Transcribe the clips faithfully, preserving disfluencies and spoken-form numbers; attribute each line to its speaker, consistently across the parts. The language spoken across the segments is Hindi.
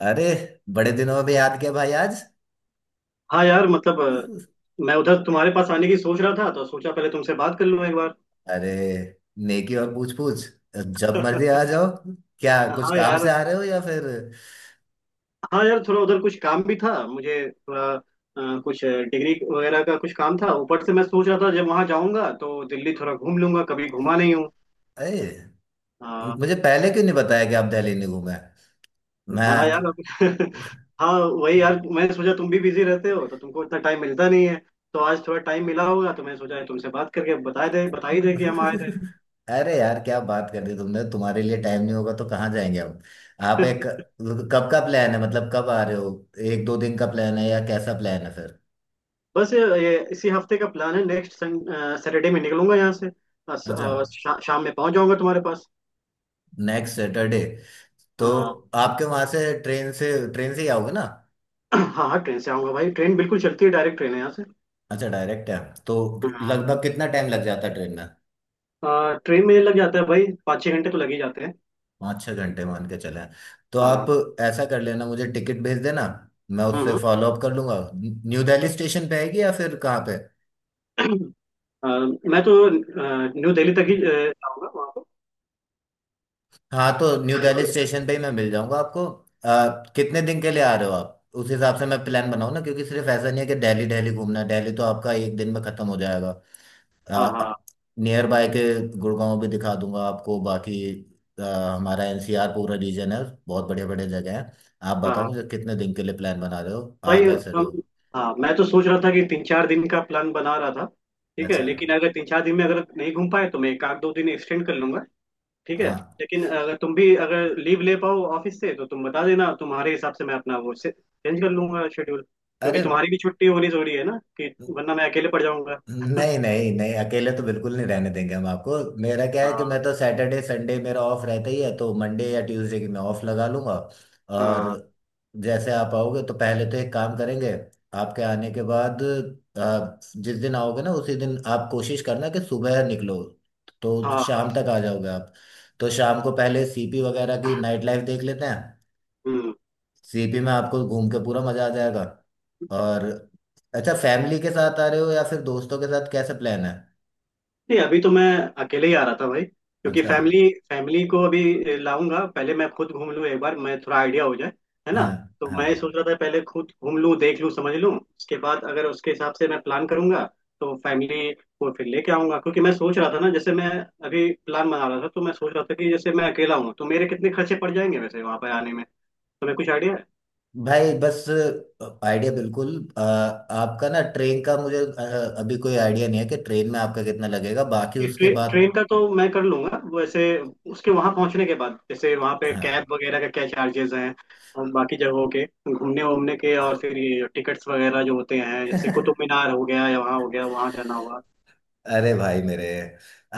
Speaker 1: अरे, बड़े दिनों में भी याद किया भाई आज।
Speaker 2: हाँ यार मतलब अ, मैं उधर तुम्हारे पास आने की सोच रहा था तो सोचा पहले तुमसे बात कर लूँ एक बार।
Speaker 1: अरे, नेकी और पूछ पूछ। जब मर्जी आ जाओ। क्या कुछ
Speaker 2: हाँ
Speaker 1: काम से
Speaker 2: यार।
Speaker 1: आ रहे हो या फिर?
Speaker 2: हाँ यार थोड़ा उधर कुछ काम भी था मुझे, थोड़ा अ, कुछ डिग्री वगैरह का कुछ काम था। ऊपर से मैं सोच रहा था जब वहाँ जाऊँगा तो दिल्ली थोड़ा घूम लूंगा, कभी घूमा नहीं हूँ।
Speaker 1: अरे,
Speaker 2: हाँ।
Speaker 1: मुझे पहले क्यों नहीं बताया कि आप दिल्ली नहीं घूमे।
Speaker 2: हाँ यार अब- हाँ। वही
Speaker 1: मैं
Speaker 2: यार, मैंने सोचा तुम भी बिजी रहते हो तो तुमको इतना टाइम मिलता नहीं है, तो आज थोड़ा टाइम मिला होगा तो मैं सोचा तुमसे बात करके बता दे, बता ही दे कि हम आए थे।
Speaker 1: अरे यार, क्या बात कर दी तुमने। तुम्हारे लिए टाइम नहीं होगा तो कहाँ जाएंगे हम। आप एक कब का प्लान है, मतलब कब आ रहे हो? एक दो दिन का प्लान है या कैसा प्लान है फिर?
Speaker 2: बस ये, ये इसी हफ्ते का प्लान है। नेक्स्ट सैटरडे में निकलूंगा यहाँ से। अ, स-
Speaker 1: अच्छा,
Speaker 2: अ, शा, शाम में पहुंच जाऊंगा तुम्हारे पास।
Speaker 1: Next Saturday. तो
Speaker 2: हाँ।
Speaker 1: आपके वहां से ट्रेन से ट्रेन से ही आओगे ना?
Speaker 2: हाँ हाँ, ट्रेन से आऊंगा भाई, ट्रेन बिल्कुल चलती है, डायरेक्ट ट्रेन है यहाँ से।
Speaker 1: अच्छा, डायरेक्ट है। तो
Speaker 2: हाँ।
Speaker 1: लगभग कितना टाइम लग जाता है ट्रेन में?
Speaker 2: अ, ट्रेन में लग जाता है भाई, पाँच छः घंटे तो लग ही जाते हैं।
Speaker 1: पाँच छः घंटे मान के चले। तो आप
Speaker 2: हाँ।
Speaker 1: ऐसा कर लेना, मुझे टिकट भेज देना। मैं उससे
Speaker 2: हम्म।
Speaker 1: फॉलो अप कर लूंगा, न्यू दिल्ली स्टेशन पे आएगी या फिर कहाँ पे?
Speaker 2: हम्म। अ, मैं तो अ, न्यू दिल्ली तक ही अ, जाऊंगा वहाँ पर।
Speaker 1: हाँ, तो न्यू दिल्ली स्टेशन पे ही मैं मिल जाऊंगा आपको। अ, कितने दिन के लिए आ रहे हो आप, उस हिसाब से मैं प्लान बनाऊँ ना। क्योंकि सिर्फ ऐसा नहीं है कि दिल्ली दिल्ली घूमना है। दिल्ली तो आपका एक दिन में खत्म हो जाएगा।
Speaker 2: हाँ हाँ।
Speaker 1: नियर बाय के गुड़गांव भी दिखा दूंगा आपको। बाकी अ, हमारा एनसीआर पूरा रीजन है, बहुत बढ़िया बढ़िया जगह है। आप
Speaker 2: हाँ
Speaker 1: बताओ
Speaker 2: हाँ।
Speaker 1: मुझे कितने दिन के लिए प्लान बना रहे हो, आ
Speaker 2: भाई
Speaker 1: कैसे रहे
Speaker 2: कम।
Speaker 1: हो?
Speaker 2: हाँ मैं तो सोच रहा था कि तीन चार दिन का प्लान बना रहा था। ठीक है,
Speaker 1: अच्छा।
Speaker 2: लेकिन अगर तीन चार दिन में अगर नहीं घूम पाए तो मैं एक आध दो दिन एक्सटेंड कर लूंगा। ठीक है,
Speaker 1: हाँ।
Speaker 2: लेकिन अगर तुम भी अगर लीव ले पाओ ऑफिस से तो तुम बता देना, तुम्हारे हिसाब से मैं अपना वो चेंज कर लूंगा शेड्यूल, क्योंकि
Speaker 1: अरे,
Speaker 2: तुम्हारी भी छुट्टी होनी जरूरी है ना, कि वरना मैं अकेले पड़ जाऊंगा।
Speaker 1: नहीं नहीं नहीं, अकेले तो बिल्कुल नहीं रहने देंगे हम आपको। मेरा क्या है कि
Speaker 2: हाँ
Speaker 1: मैं तो सैटरडे संडे मेरा ऑफ रहता ही है, तो मंडे या ट्यूसडे की मैं ऑफ लगा लूंगा। और
Speaker 2: हाँ।
Speaker 1: जैसे आप आओगे तो पहले तो एक काम करेंगे। आपके आने के बाद आप जिस दिन आओगे ना, उसी दिन आप कोशिश करना कि सुबह निकलो, तो शाम
Speaker 2: हाँ
Speaker 1: तक आ जाओगे आप। तो शाम को पहले सीपी वगैरह की नाइट लाइफ देख लेते हैं।
Speaker 2: हाँ
Speaker 1: सीपी में आपको घूम के पूरा मजा आ जाएगा। और अच्छा, फैमिली के साथ आ रहे हो या फिर दोस्तों के साथ, कैसे प्लान है?
Speaker 2: नहीं, अभी तो मैं अकेले ही आ रहा था भाई, क्योंकि
Speaker 1: अच्छा।
Speaker 2: फैमिली फैमिली को अभी लाऊंगा, पहले मैं खुद घूम लूँ एक बार, मैं थोड़ा आइडिया हो जाए। है ना।
Speaker 1: हाँ
Speaker 2: तो
Speaker 1: हाँ।
Speaker 2: मैं सोच रहा था पहले खुद घूम लूँ देख लूँ समझ लूँ, उसके बाद अगर उसके हिसाब से मैं प्लान करूंगा, तो फैमिली को फिर लेके आऊंगा। क्योंकि मैं सोच रहा था ना, जैसे मैं अभी प्लान बना रहा था तो मैं सोच रहा था कि जैसे मैं अकेला हूँ तो मेरे कितने खर्चे पड़ जाएंगे वैसे वहां पर आने में, तुम्हें कुछ आइडिया है।
Speaker 1: भाई बस, आइडिया बिल्कुल, अ, आपका ना ट्रेन का मुझे अ, अभी कोई आइडिया नहीं है कि ट्रेन में आपका कितना लगेगा, बाकी उसके
Speaker 2: ट्रे,
Speaker 1: बाद।
Speaker 2: ट्रेन का तो मैं कर लूंगा वैसे, उसके वहां पहुंचने के बाद जैसे वहां पे
Speaker 1: हाँ।
Speaker 2: कैब वगैरह का क्या चार्जेस हैं और बाकी जगहों के घूमने वूमने के, और फिर ये टिकट्स वगैरह जो होते हैं, जैसे कुतुब मीनार हो गया या वहाँ हो गया, वहां जाना होगा।
Speaker 1: अरे भाई मेरे,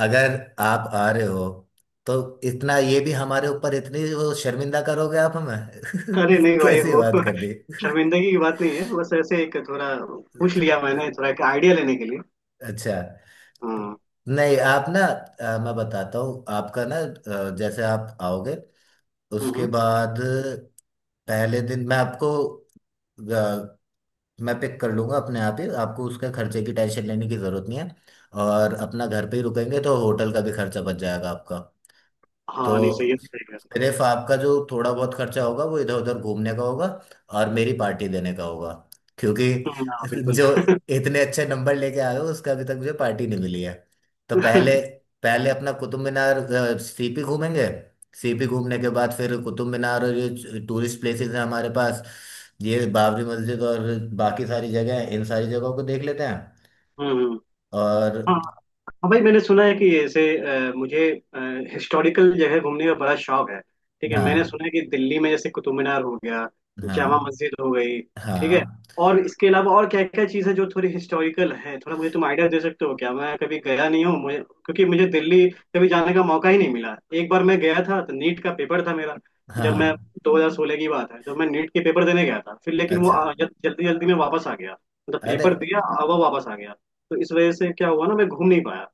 Speaker 1: अगर आप आ रहे हो तो इतना ये भी हमारे ऊपर, इतनी वो शर्मिंदा करोगे आप हमें?
Speaker 2: अरे नहीं भाई
Speaker 1: कैसी
Speaker 2: वो
Speaker 1: बात कर दी।
Speaker 2: शर्मिंदगी की बात नहीं है, बस ऐसे एक थोड़ा पूछ लिया मैंने थोड़ा एक आइडिया लेने के लिए।
Speaker 1: अच्छा,
Speaker 2: हाँ।
Speaker 1: नहीं, आप ना अ, मैं बताता हूँ आपका ना अ, जैसे आप आओगे
Speaker 2: हम्म,
Speaker 1: उसके
Speaker 2: हम्म।
Speaker 1: बाद पहले दिन मैं आपको अ, मैं पिक कर लूंगा अपने आप ही आपको। उसके खर्चे की टेंशन लेने की जरूरत नहीं है। और अपना घर पे ही रुकेंगे तो होटल का भी खर्चा बच जाएगा आपका।
Speaker 2: हाँ नहीं, सही
Speaker 1: तो
Speaker 2: है सही है।
Speaker 1: सिर्फ आपका जो थोड़ा बहुत खर्चा होगा वो इधर उधर घूमने का होगा, और मेरी पार्टी देने का होगा। क्योंकि
Speaker 2: हम्म, हाँ बिल्कुल।
Speaker 1: जो इतने अच्छे नंबर लेके आए हो उसका अभी तक मुझे पार्टी नहीं मिली है। तो पहले पहले अपना कुतुब मीनार, अ, सीपी घूमेंगे। सीपी घूमने के बाद फिर कुतुब मीनार, और ये टूरिस्ट प्लेसेस हैं हमारे पास, ये बाबरी मस्जिद और बाकी सारी जगह हैं, इन सारी जगहों को देख लेते हैं।
Speaker 2: हम्म।
Speaker 1: और
Speaker 2: हाँ हाँ भाई, मैंने सुना है कि ऐसे अ, मुझे हिस्टोरिकल जगह घूमने का बड़ा शौक है। ठीक है, मैंने
Speaker 1: हाँ
Speaker 2: सुना है कि दिल्ली में जैसे कुतुब मीनार हो गया,
Speaker 1: हाँ,
Speaker 2: जामा मस्जिद हो गई, ठीक है,
Speaker 1: हाँ
Speaker 2: और इसके अलावा और क्या क्या चीज़ है जो थोड़ी हिस्टोरिकल है, थोड़ा मुझे तुम आइडिया दे सकते हो क्या? मैं कभी गया नहीं हूँ, मुझे क्योंकि मुझे दिल्ली कभी जाने का मौका ही नहीं मिला। एक बार मैं गया था तो नीट का पेपर था मेरा,
Speaker 1: हाँ
Speaker 2: जब मैं
Speaker 1: हाँ,
Speaker 2: दो हज़ार सोलह की बात है, जब मैं नीट के पेपर देने गया था फिर, लेकिन वो
Speaker 1: अच्छा,
Speaker 2: आ- जल- जल्दी जल्दी में वापस आ गया। मतलब
Speaker 1: अरे,
Speaker 2: पेपर दिया, अब वो वापस आ गया। तो इस वजह से क्या हुआ ना, मैं घूम नहीं पाया।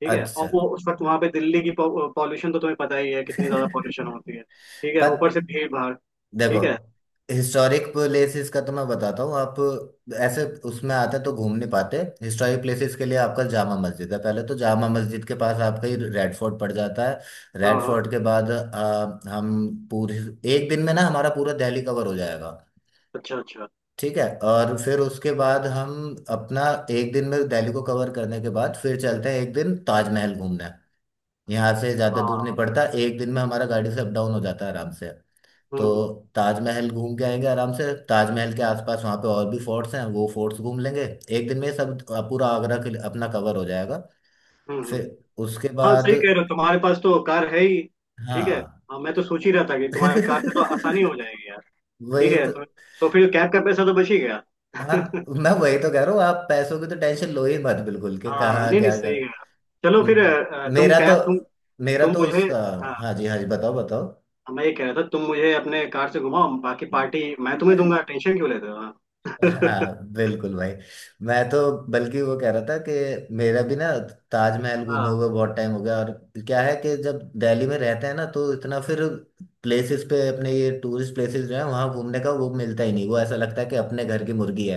Speaker 2: ठीक है,
Speaker 1: अच्छा।
Speaker 2: और वो उस वक्त वहां पे दिल्ली की पॉल्यूशन तो तुम्हें पता ही है कितनी ज्यादा पॉल्यूशन होती है, ठीक है, ऊपर
Speaker 1: पर
Speaker 2: से भीड़ भाड़।
Speaker 1: देखो,
Speaker 2: ठीक है।
Speaker 1: हिस्टोरिक प्लेसेस का तो मैं बताता हूँ आप। ऐसे उसमें आते तो घूम नहीं पाते। हिस्टोरिक प्लेसेस के लिए आपका जामा मस्जिद है, पहले तो जामा मस्जिद के पास आपका ही रेड फोर्ट पड़ जाता है।
Speaker 2: हाँ
Speaker 1: रेड
Speaker 2: हाँ।
Speaker 1: फोर्ट के बाद आ, हम पूरे एक दिन में ना, हमारा पूरा दिल्ली कवर हो जाएगा।
Speaker 2: अच्छा अच्छा।
Speaker 1: ठीक है। और फिर उसके बाद हम अपना एक दिन में दिल्ली को कवर करने के बाद फिर चलते हैं एक दिन ताजमहल घूमने। यहाँ से ज़्यादा दूर
Speaker 2: हाँ।
Speaker 1: नहीं पड़ता, एक दिन में हमारा गाड़ी से अप डाउन हो जाता है आराम से।
Speaker 2: हम्म
Speaker 1: तो
Speaker 2: हम्म।
Speaker 1: ताजमहल घूम के आएंगे आराम से। ताजमहल के आसपास वहाँ पे और भी फोर्ट्स हैं, वो फोर्ट्स घूम लेंगे। एक दिन में सब पूरा आगरा के लिए अपना कवर हो जाएगा।
Speaker 2: हम्म हम्म।
Speaker 1: फिर उसके
Speaker 2: हाँ
Speaker 1: बाद
Speaker 2: सही कह रहे हो, तुम्हारे पास तो कार है ही। ठीक है,
Speaker 1: हाँ।
Speaker 2: हाँ मैं तो सोच ही रहा था कि तुम्हारे कार से तो आसानी हो जाएगी यार। ठीक
Speaker 1: वही
Speaker 2: है।
Speaker 1: तो।
Speaker 2: तो, तो फिर कैब का पैसा तो बच ही गया।
Speaker 1: हाँ, मैं वही तो कह रहा हूँ, आप पैसों की तो टेंशन लो ही मत बिल्कुल, के
Speaker 2: हाँ,
Speaker 1: कहाँ
Speaker 2: नहीं नहीं
Speaker 1: क्या कर।
Speaker 2: सही है। चलो फिर
Speaker 1: म-
Speaker 2: अ, तुम
Speaker 1: मेरा तो
Speaker 2: कैब तुम
Speaker 1: मेरा
Speaker 2: तुम
Speaker 1: तो
Speaker 2: मुझे
Speaker 1: उसका।
Speaker 2: हाँ।
Speaker 1: हाँ जी, हाँ जी, बताओ।
Speaker 2: मैं ये कह रहा था, तुम मुझे अपने कार से घुमाओ, बाकी पार्टी मैं तुम्हें
Speaker 1: बताओ।
Speaker 2: दूंगा, टेंशन क्यों लेते हो। हाँ।
Speaker 1: हाँ बिल्कुल भाई, मैं तो बल्कि वो कह रहा था कि मेरा भी ना ताजमहल घूमे
Speaker 2: हाँ।
Speaker 1: हुए बहुत टाइम हो गया। और क्या है कि जब दिल्ली में रहते हैं ना, तो इतना फिर प्लेसेस पे अपने, ये टूरिस्ट प्लेसेस जो है वहाँ घूमने का वो मिलता ही नहीं। वो ऐसा लगता है कि अपने घर की मुर्गी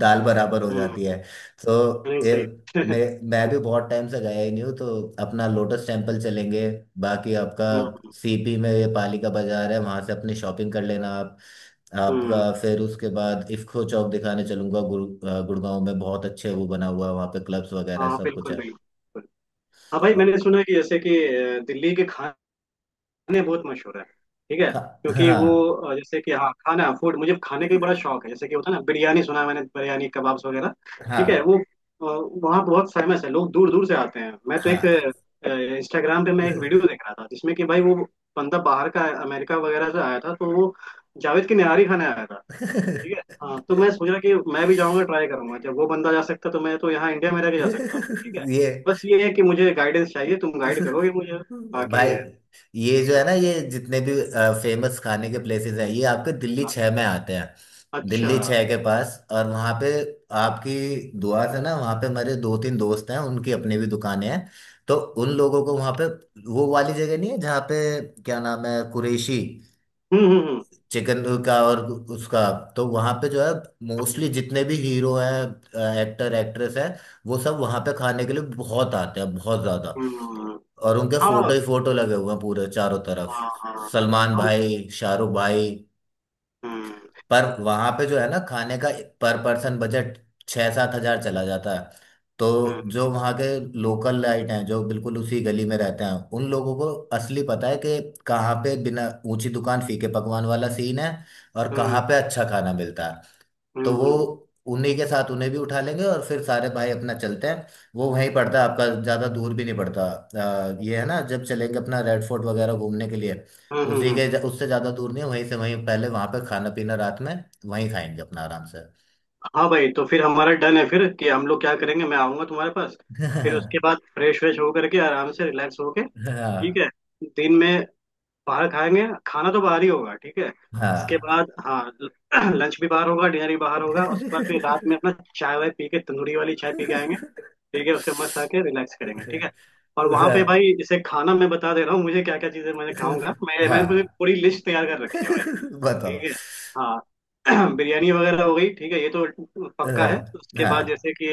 Speaker 1: दाल बराबर हो
Speaker 2: हम्म।
Speaker 1: जाती है। तो
Speaker 2: नहीं
Speaker 1: ये
Speaker 2: सही।
Speaker 1: मैं मैं भी बहुत टाइम से गया ही नहीं हूँ। तो अपना लोटस टेम्पल चलेंगे। बाकी आपका
Speaker 2: हम्म
Speaker 1: सीपी में ये पालिका बाजार है, वहां से अपनी शॉपिंग कर लेना आप।
Speaker 2: हम्म।
Speaker 1: आपका फिर उसके बाद इफ्को चौक दिखाने चलूंगा। गुड़ अ, गुड़गांव में बहुत अच्छे वो बना हुआ है, वहाँ पे क्लब्स वगैरह
Speaker 2: हाँ
Speaker 1: सब कुछ
Speaker 2: बिल्कुल
Speaker 1: है।
Speaker 2: बिल्कुल। हाँ भाई मैंने
Speaker 1: और
Speaker 2: सुना कि जैसे कि अ, दिल्ली के खाने, खाने बहुत मशहूर है। ठीक है,
Speaker 1: खा
Speaker 2: क्योंकि
Speaker 1: हाँ
Speaker 2: वो अ, जैसे कि, हाँ, खाना फूड मुझे खाने का भी बड़ा शौक है, जैसे कि होता है ना बिरयानी, सुना है मैंने, बिरयानी कबाब्स वगैरह। ठीक है,
Speaker 1: हाँ
Speaker 2: वो अ, वहाँ बहुत फेमस है, लोग दूर दूर से आते हैं। मैं तो एक
Speaker 1: हाँ।
Speaker 2: इंस्टाग्राम पे मैं एक वीडियो देख रहा था, जिसमें कि भाई वो बंदा बाहर का, अमेरिका वगैरह से आया था, तो वो जावेद की निहारी खाने आया था। ठीक है, हाँ तो मैं सोच रहा कि मैं भी जाऊँगा, ट्राई करूंगा, जब वो बंदा जा सकता तो मैं तो यहाँ इंडिया में रह के जा सकता हूँ। ठीक है,
Speaker 1: ये।
Speaker 2: बस ये है कि मुझे गाइडेंस चाहिए, तुम गाइड करोगे मुझे बाकी।
Speaker 1: भाई, ये जो है ना, ये जितने भी फेमस खाने के प्लेसेस हैं, ये आपके दिल्ली
Speaker 2: हाँ।
Speaker 1: छह में आते हैं।
Speaker 2: अच्छा।
Speaker 1: दिल्ली छह के पास। और वहाँ पे आपकी दुआ से ना वहाँ पे मेरे दो तीन दोस्त हैं, उनकी अपनी भी दुकानें हैं। तो उन लोगों को वहाँ पे, वो वाली जगह नहीं है जहाँ पे, क्या नाम है, कुरैशी
Speaker 2: हम्म हम्म।
Speaker 1: चिकन का और उसका। तो वहाँ पे जो है, मोस्टली जितने भी हीरो हैं, एक्टर एक्ट्रेस हैं, वो सब वहाँ पे खाने के लिए बहुत आते हैं, बहुत ज़्यादा।
Speaker 2: हम्म, हम्म,
Speaker 1: और उनके
Speaker 2: हाँ
Speaker 1: फोटो ही फोटो लगे हुए हैं पूरे चारों तरफ,
Speaker 2: हाँ। हाँ।
Speaker 1: सलमान
Speaker 2: हम।
Speaker 1: भाई, शाहरुख भाई।
Speaker 2: हम्म
Speaker 1: पर वहां पे जो है ना खाने का पर पर्सन बजट, छः सात हजार चला जाता है। तो
Speaker 2: हम्म
Speaker 1: जो वहाँ के लोकल लाइट हैं, जो बिल्कुल उसी गली में रहते हैं, उन लोगों को असली पता है कि कहाँ पे बिना ऊंची दुकान फीके पकवान वाला सीन है, और
Speaker 2: हम्म
Speaker 1: कहाँ पे अच्छा खाना मिलता है। तो
Speaker 2: हम्म।
Speaker 1: वो
Speaker 2: हम्म,
Speaker 1: उन्हीं के साथ, उन्हें भी उठा लेंगे, और फिर सारे भाई अपना चलते हैं। वो वहीं पड़ता है आपका, ज़्यादा दूर भी नहीं पड़ता। अ, ये है ना, जब चलेंगे अपना रेड फोर्ट वगैरह घूमने के लिए
Speaker 2: हम्म, हम्म,
Speaker 1: उसी
Speaker 2: हम्म।
Speaker 1: के, उससे ज़्यादा दूर नहीं है, वहीं से वहीं पहले वहाँ पे खाना पीना, रात में वहीं खाएंगे अपना आराम से।
Speaker 2: हाँ भाई तो फिर हमारा डन है फिर कि हम लोग क्या करेंगे, मैं आऊंगा तुम्हारे पास, फिर उसके बाद फ्रेश व्रेश होकर के आराम से रिलैक्स होके, ठीक
Speaker 1: हाँ
Speaker 2: है। दिन में बाहर खाएंगे, खाना तो बाहर ही होगा, ठीक है। उसके
Speaker 1: हाँ।
Speaker 2: बाद, हाँ, लंच भी बाहर होगा, डिनर भी बाहर होगा, उसके बाद फिर रात में अपना चाय वाय पी के, तंदूरी वाली चाय पी के आएंगे। ठीक है, उसके मस्त आके रिलैक्स करेंगे, ठीक है। और वहां पे भाई इसे खाना मैं बता दे रहा हूँ मुझे क्या क्या चीजें मैं खाऊंगा, मैं मैंने पूरी
Speaker 1: हाँ।
Speaker 2: पूरी लिस्ट तैयार कर रखी है भाई। ठीक
Speaker 1: बताओ।
Speaker 2: है। हाँ बिरयानी वगैरह हो गई, ठीक है, ये तो पक्का है।
Speaker 1: हाँ
Speaker 2: उसके बाद
Speaker 1: हाँ,
Speaker 2: जैसे कि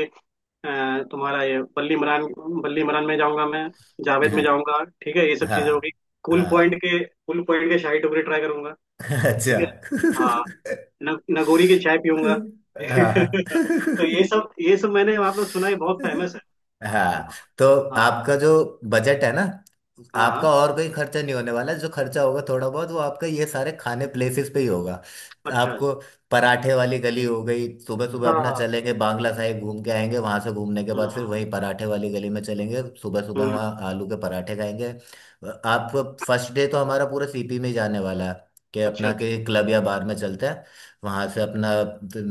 Speaker 2: अ, तुम्हारा ये बल्ली मरान, बल्ली मरान में जाऊंगा मैं, जावेद में
Speaker 1: हाँ
Speaker 2: जाऊंगा, ठीक है, ये सब चीजें हो गई।
Speaker 1: हाँ
Speaker 2: कूल पॉइंट
Speaker 1: हाँ।
Speaker 2: के, कूल पॉइंट के शाही टुकड़े ट्राई करूंगा, ठीक
Speaker 1: अच्छा।
Speaker 2: है। हाँ। न, नगोरी की चाय पीऊंगा।
Speaker 1: हाँ।
Speaker 2: तो ये सब, ये सब मैंने आपने सुना है, बहुत फेमस है।
Speaker 1: हाँ,
Speaker 2: हाँ।
Speaker 1: तो
Speaker 2: हाँ।
Speaker 1: आपका जो बजट है ना
Speaker 2: हाँ
Speaker 1: आपका,
Speaker 2: हाँ।
Speaker 1: और कोई खर्चा नहीं होने वाला है। जो खर्चा होगा थोड़ा बहुत वो आपका ये सारे खाने प्लेसेस पे ही होगा
Speaker 2: अच्छा जी।
Speaker 1: आपको। पराठे वाली गली हो गई, सुबह सुबह
Speaker 2: हाँ
Speaker 1: अपना
Speaker 2: हाँ।
Speaker 1: चलेंगे बांग्ला साहिब घूम के आएंगे, वहां से घूमने के बाद फिर
Speaker 2: हम्म,
Speaker 1: वहीं पराठे वाली गली में चलेंगे सुबह सुबह,
Speaker 2: हम्म,
Speaker 1: वहाँ आलू के पराठे खाएंगे आप। फर्स्ट डे तो हमारा पूरा सीपी में ही जाने वाला है, कि
Speaker 2: अच्छा
Speaker 1: अपना
Speaker 2: अच्छा।
Speaker 1: के क्लब या बार में चलते हैं। वहां से अपना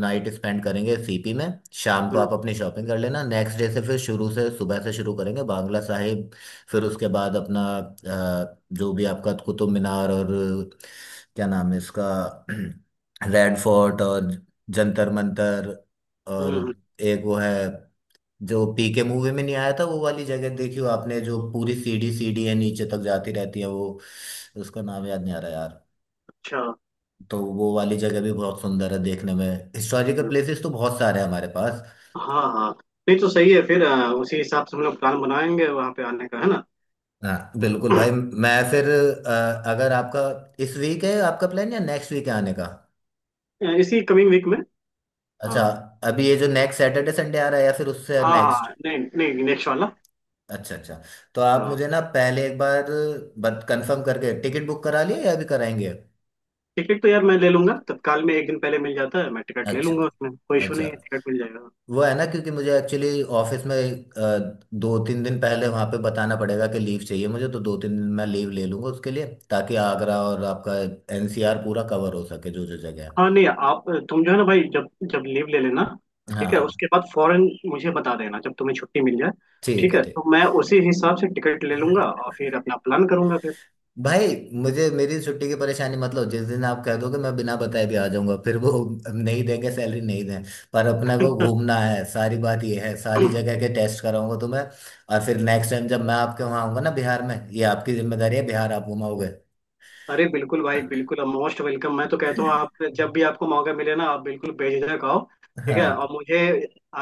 Speaker 1: नाइट स्पेंड करेंगे सीपी में। शाम को
Speaker 2: हम्म
Speaker 1: आप अपनी शॉपिंग कर लेना। नेक्स्ट डे से फिर शुरू से, सुबह से शुरू करेंगे बांग्ला साहिब। फिर उसके बाद अपना अ, जो भी आपका कुतुब मीनार, और क्या नाम है इसका, रेड फोर्ट, और जंतर मंतर, और
Speaker 2: हम्म,
Speaker 1: एक वो है जो पीके मूवी में नहीं आया था वो वाली जगह, देखी हो आपने जो पूरी सीढ़ी सीढ़ी है नीचे तक जाती रहती है वो, उसका नाम याद नहीं आ रहा यार।
Speaker 2: अच्छा।
Speaker 1: तो वो वाली जगह भी बहुत सुंदर है देखने में। हिस्टोरिकल
Speaker 2: हम्म,
Speaker 1: प्लेसेस तो बहुत सारे हैं हमारे पास।
Speaker 2: हाँ हाँ। नहीं तो सही है, फिर अ, उसी हिसाब से हम लोग प्लान बनाएंगे वहाँ पे आने का, है ना।
Speaker 1: हाँ बिल्कुल भाई। मैं फिर अ, अगर आपका इस वीक है आपका प्लान, या नेक्स्ट वीक है आने का?
Speaker 2: अ, इसी कमिंग वीक में।
Speaker 1: अच्छा,
Speaker 2: हाँ।
Speaker 1: अभी ये जो नेक्स्ट सैटरडे संडे आ रहा है, या फिर उससे
Speaker 2: हाँ
Speaker 1: नेक्स्ट?
Speaker 2: हाँ, नहीं नहीं, नेक्स्ट वाला।
Speaker 1: अच्छा, अच्छा। तो आप
Speaker 2: हाँ।
Speaker 1: मुझे ना पहले एक बार बत कंफर्म करके, टिकट बुक करा लिए या अभी कराएंगे?
Speaker 2: टिकट तो यार मैं ले लूंगा, तत्काल में एक दिन पहले मिल जाता है, मैं टिकट ले
Speaker 1: अच्छा,
Speaker 2: लूंगा, उसमें कोई इशू
Speaker 1: अच्छा।
Speaker 2: नहीं है, टिकट मिल जाएगा।
Speaker 1: वो है ना क्योंकि मुझे एक्चुअली ऑफिस में अ, दो तीन दिन पहले वहां पे बताना पड़ेगा कि लीव चाहिए मुझे, तो दो तीन दिन मैं लीव ले लूंगा उसके लिए, ताकि आगरा और आपका एनसीआर पूरा कवर हो सके जो जो जगह है।
Speaker 2: हाँ नहीं आप, तुम जो है ना भाई, जब जब लीव ले लेना, ठीक है,
Speaker 1: हाँ,
Speaker 2: उसके बाद फौरन मुझे बता देना जब तुम्हें छुट्टी मिल जाए।
Speaker 1: ठीक
Speaker 2: ठीक
Speaker 1: है।
Speaker 2: है,
Speaker 1: ठीक
Speaker 2: तो मैं उसी हिसाब से टिकट ले लूंगा और फिर अपना प्लान करूंगा
Speaker 1: भाई, मुझे मेरी छुट्टी की परेशानी मत लो, जिस दिन आप कह दोगे मैं बिना बताए भी आ जाऊंगा। फिर वो नहीं देंगे सैलरी, नहीं दें, पर अपने को
Speaker 2: फिर।
Speaker 1: घूमना है, सारी बात ये है। सारी जगह के टेस्ट कराऊंगा तुम्हें। और फिर नेक्स्ट टाइम जब मैं आपके वहां आऊंगा ना बिहार में, ये आपकी जिम्मेदारी है, बिहार आप घुमाओगे।
Speaker 2: अरे बिल्कुल भाई बिल्कुल, मोस्ट वेलकम, मैं तो कहता हूँ आप जब भी आपको मौका मिले ना, आप बिल्कुल बेझिझक आओ। ठीक है,
Speaker 1: हाँ।
Speaker 2: और मुझे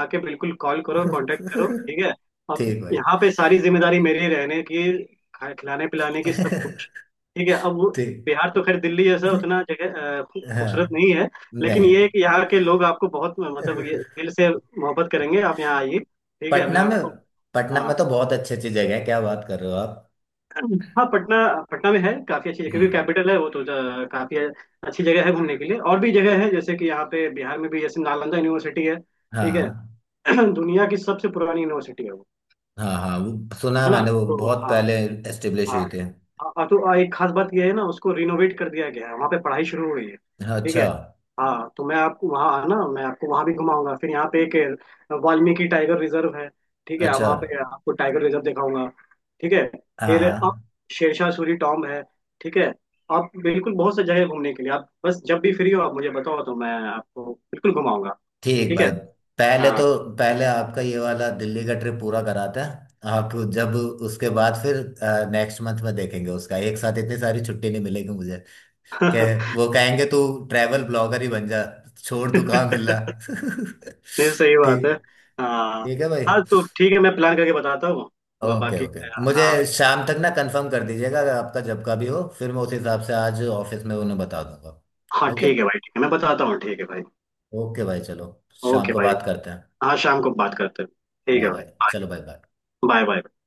Speaker 2: आके बिल्कुल कॉल करो, कांटेक्ट करो, ठीक है। अब
Speaker 1: ठीक भाई।
Speaker 2: यहाँ पे सारी जिम्मेदारी मेरी रहने की, खा- खिलाने पिलाने की, सब कुछ, ठीक है, अब वो-
Speaker 1: ठीक।
Speaker 2: बिहार तो खैर दिल्ली जैसा उतना जगह अ, खू- खूबसूरत
Speaker 1: हाँ
Speaker 2: नहीं है, लेकिन
Speaker 1: नहीं,
Speaker 2: ये है कि यहाँ के लोग आपको बहुत मतलब ये दिल से मोहब्बत करेंगे, आप यहाँ आइए, ठीक है, मैं
Speaker 1: पटना में
Speaker 2: आपको।
Speaker 1: पटना
Speaker 2: हाँ।
Speaker 1: में तो बहुत अच्छी अच्छी जगह है, क्या बात कर रहे हो आप।
Speaker 2: हाँ पटना, पटना में है काफी अच्छी, क्योंकि
Speaker 1: हम्म।
Speaker 2: कैपिटल है वो तो, ज- काफी अच्छी जगह है घूमने के लिए, और भी जगह है जैसे कि यहाँ पे बिहार में भी, जैसे नालंदा यूनिवर्सिटी है, ठीक है।
Speaker 1: हाँ
Speaker 2: दुनिया की सबसे पुरानी यूनिवर्सिटी है वो,
Speaker 1: हाँ, हाँ वो सुना है
Speaker 2: है ना।
Speaker 1: मैंने, वो
Speaker 2: तो
Speaker 1: बहुत
Speaker 2: हाँ।
Speaker 1: पहले एस्टेब्लिश
Speaker 2: हाँ
Speaker 1: हुए थे।
Speaker 2: हाँ और तो एक खास बात यह है ना, उसको रिनोवेट कर दिया गया है, वहाँ पे पढ़ाई शुरू हुई है, ठीक है।
Speaker 1: अच्छा,
Speaker 2: हाँ तो मैं आपको वहाँ आना, मैं आपको वहाँ भी घुमाऊंगा, फिर यहाँ पे एक वाल्मीकि टाइगर रिजर्व है, ठीक है,
Speaker 1: अच्छा।
Speaker 2: वहाँ पे आपको टाइगर रिजर्व दिखाऊंगा, ठीक है।
Speaker 1: हाँ
Speaker 2: फिर आप,
Speaker 1: हाँ।
Speaker 2: शेरशाह सूरी टॉम है, ठीक है, आप बिल्कुल, बहुत से जगह है घूमने के लिए, आप बस जब भी फ्री हो आप मुझे बताओ तो मैं आपको बिल्कुल घुमाऊंगा,
Speaker 1: ठीक
Speaker 2: ठीक है।
Speaker 1: भाई। पहले
Speaker 2: हाँ।
Speaker 1: तो पहले आपका ये वाला दिल्ली का ट्रिप पूरा कराते हैं आप जब, उसके बाद फिर नेक्स्ट मंथ में देखेंगे उसका, एक साथ इतनी सारी छुट्टी नहीं मिलेगी मुझे। कह वो कहेंगे तू ट्रैवल ब्लॉगर ही बन जा, छोड़ तू, कहाँ मिल रहा।
Speaker 2: नहीं सही बात है।
Speaker 1: ठीक
Speaker 2: हाँ।
Speaker 1: ठीक है भाई।
Speaker 2: हाँ तो ठीक है, मैं प्लान करके बताता हूँ बा-
Speaker 1: ओके,
Speaker 2: बाकी।
Speaker 1: ओके, मुझे
Speaker 2: हाँ।
Speaker 1: शाम तक ना कंफर्म कर दीजिएगा, अगर आपका जब का भी हो, फिर मैं उस हिसाब से आज ऑफिस में उन्हें बता दूंगा।
Speaker 2: हाँ
Speaker 1: ओके।
Speaker 2: ठीक है भाई, ठीक है मैं बताता हूँ, ठीक है भाई।
Speaker 1: ओके भाई, चलो, शाम
Speaker 2: ओके
Speaker 1: को
Speaker 2: भाई।
Speaker 1: बात करते हैं।
Speaker 2: हाँ शाम को बात करते हैं, ठीक
Speaker 1: बाय
Speaker 2: है भाई,
Speaker 1: बाय, चलो, bye bye.
Speaker 2: Bye. Bye bye.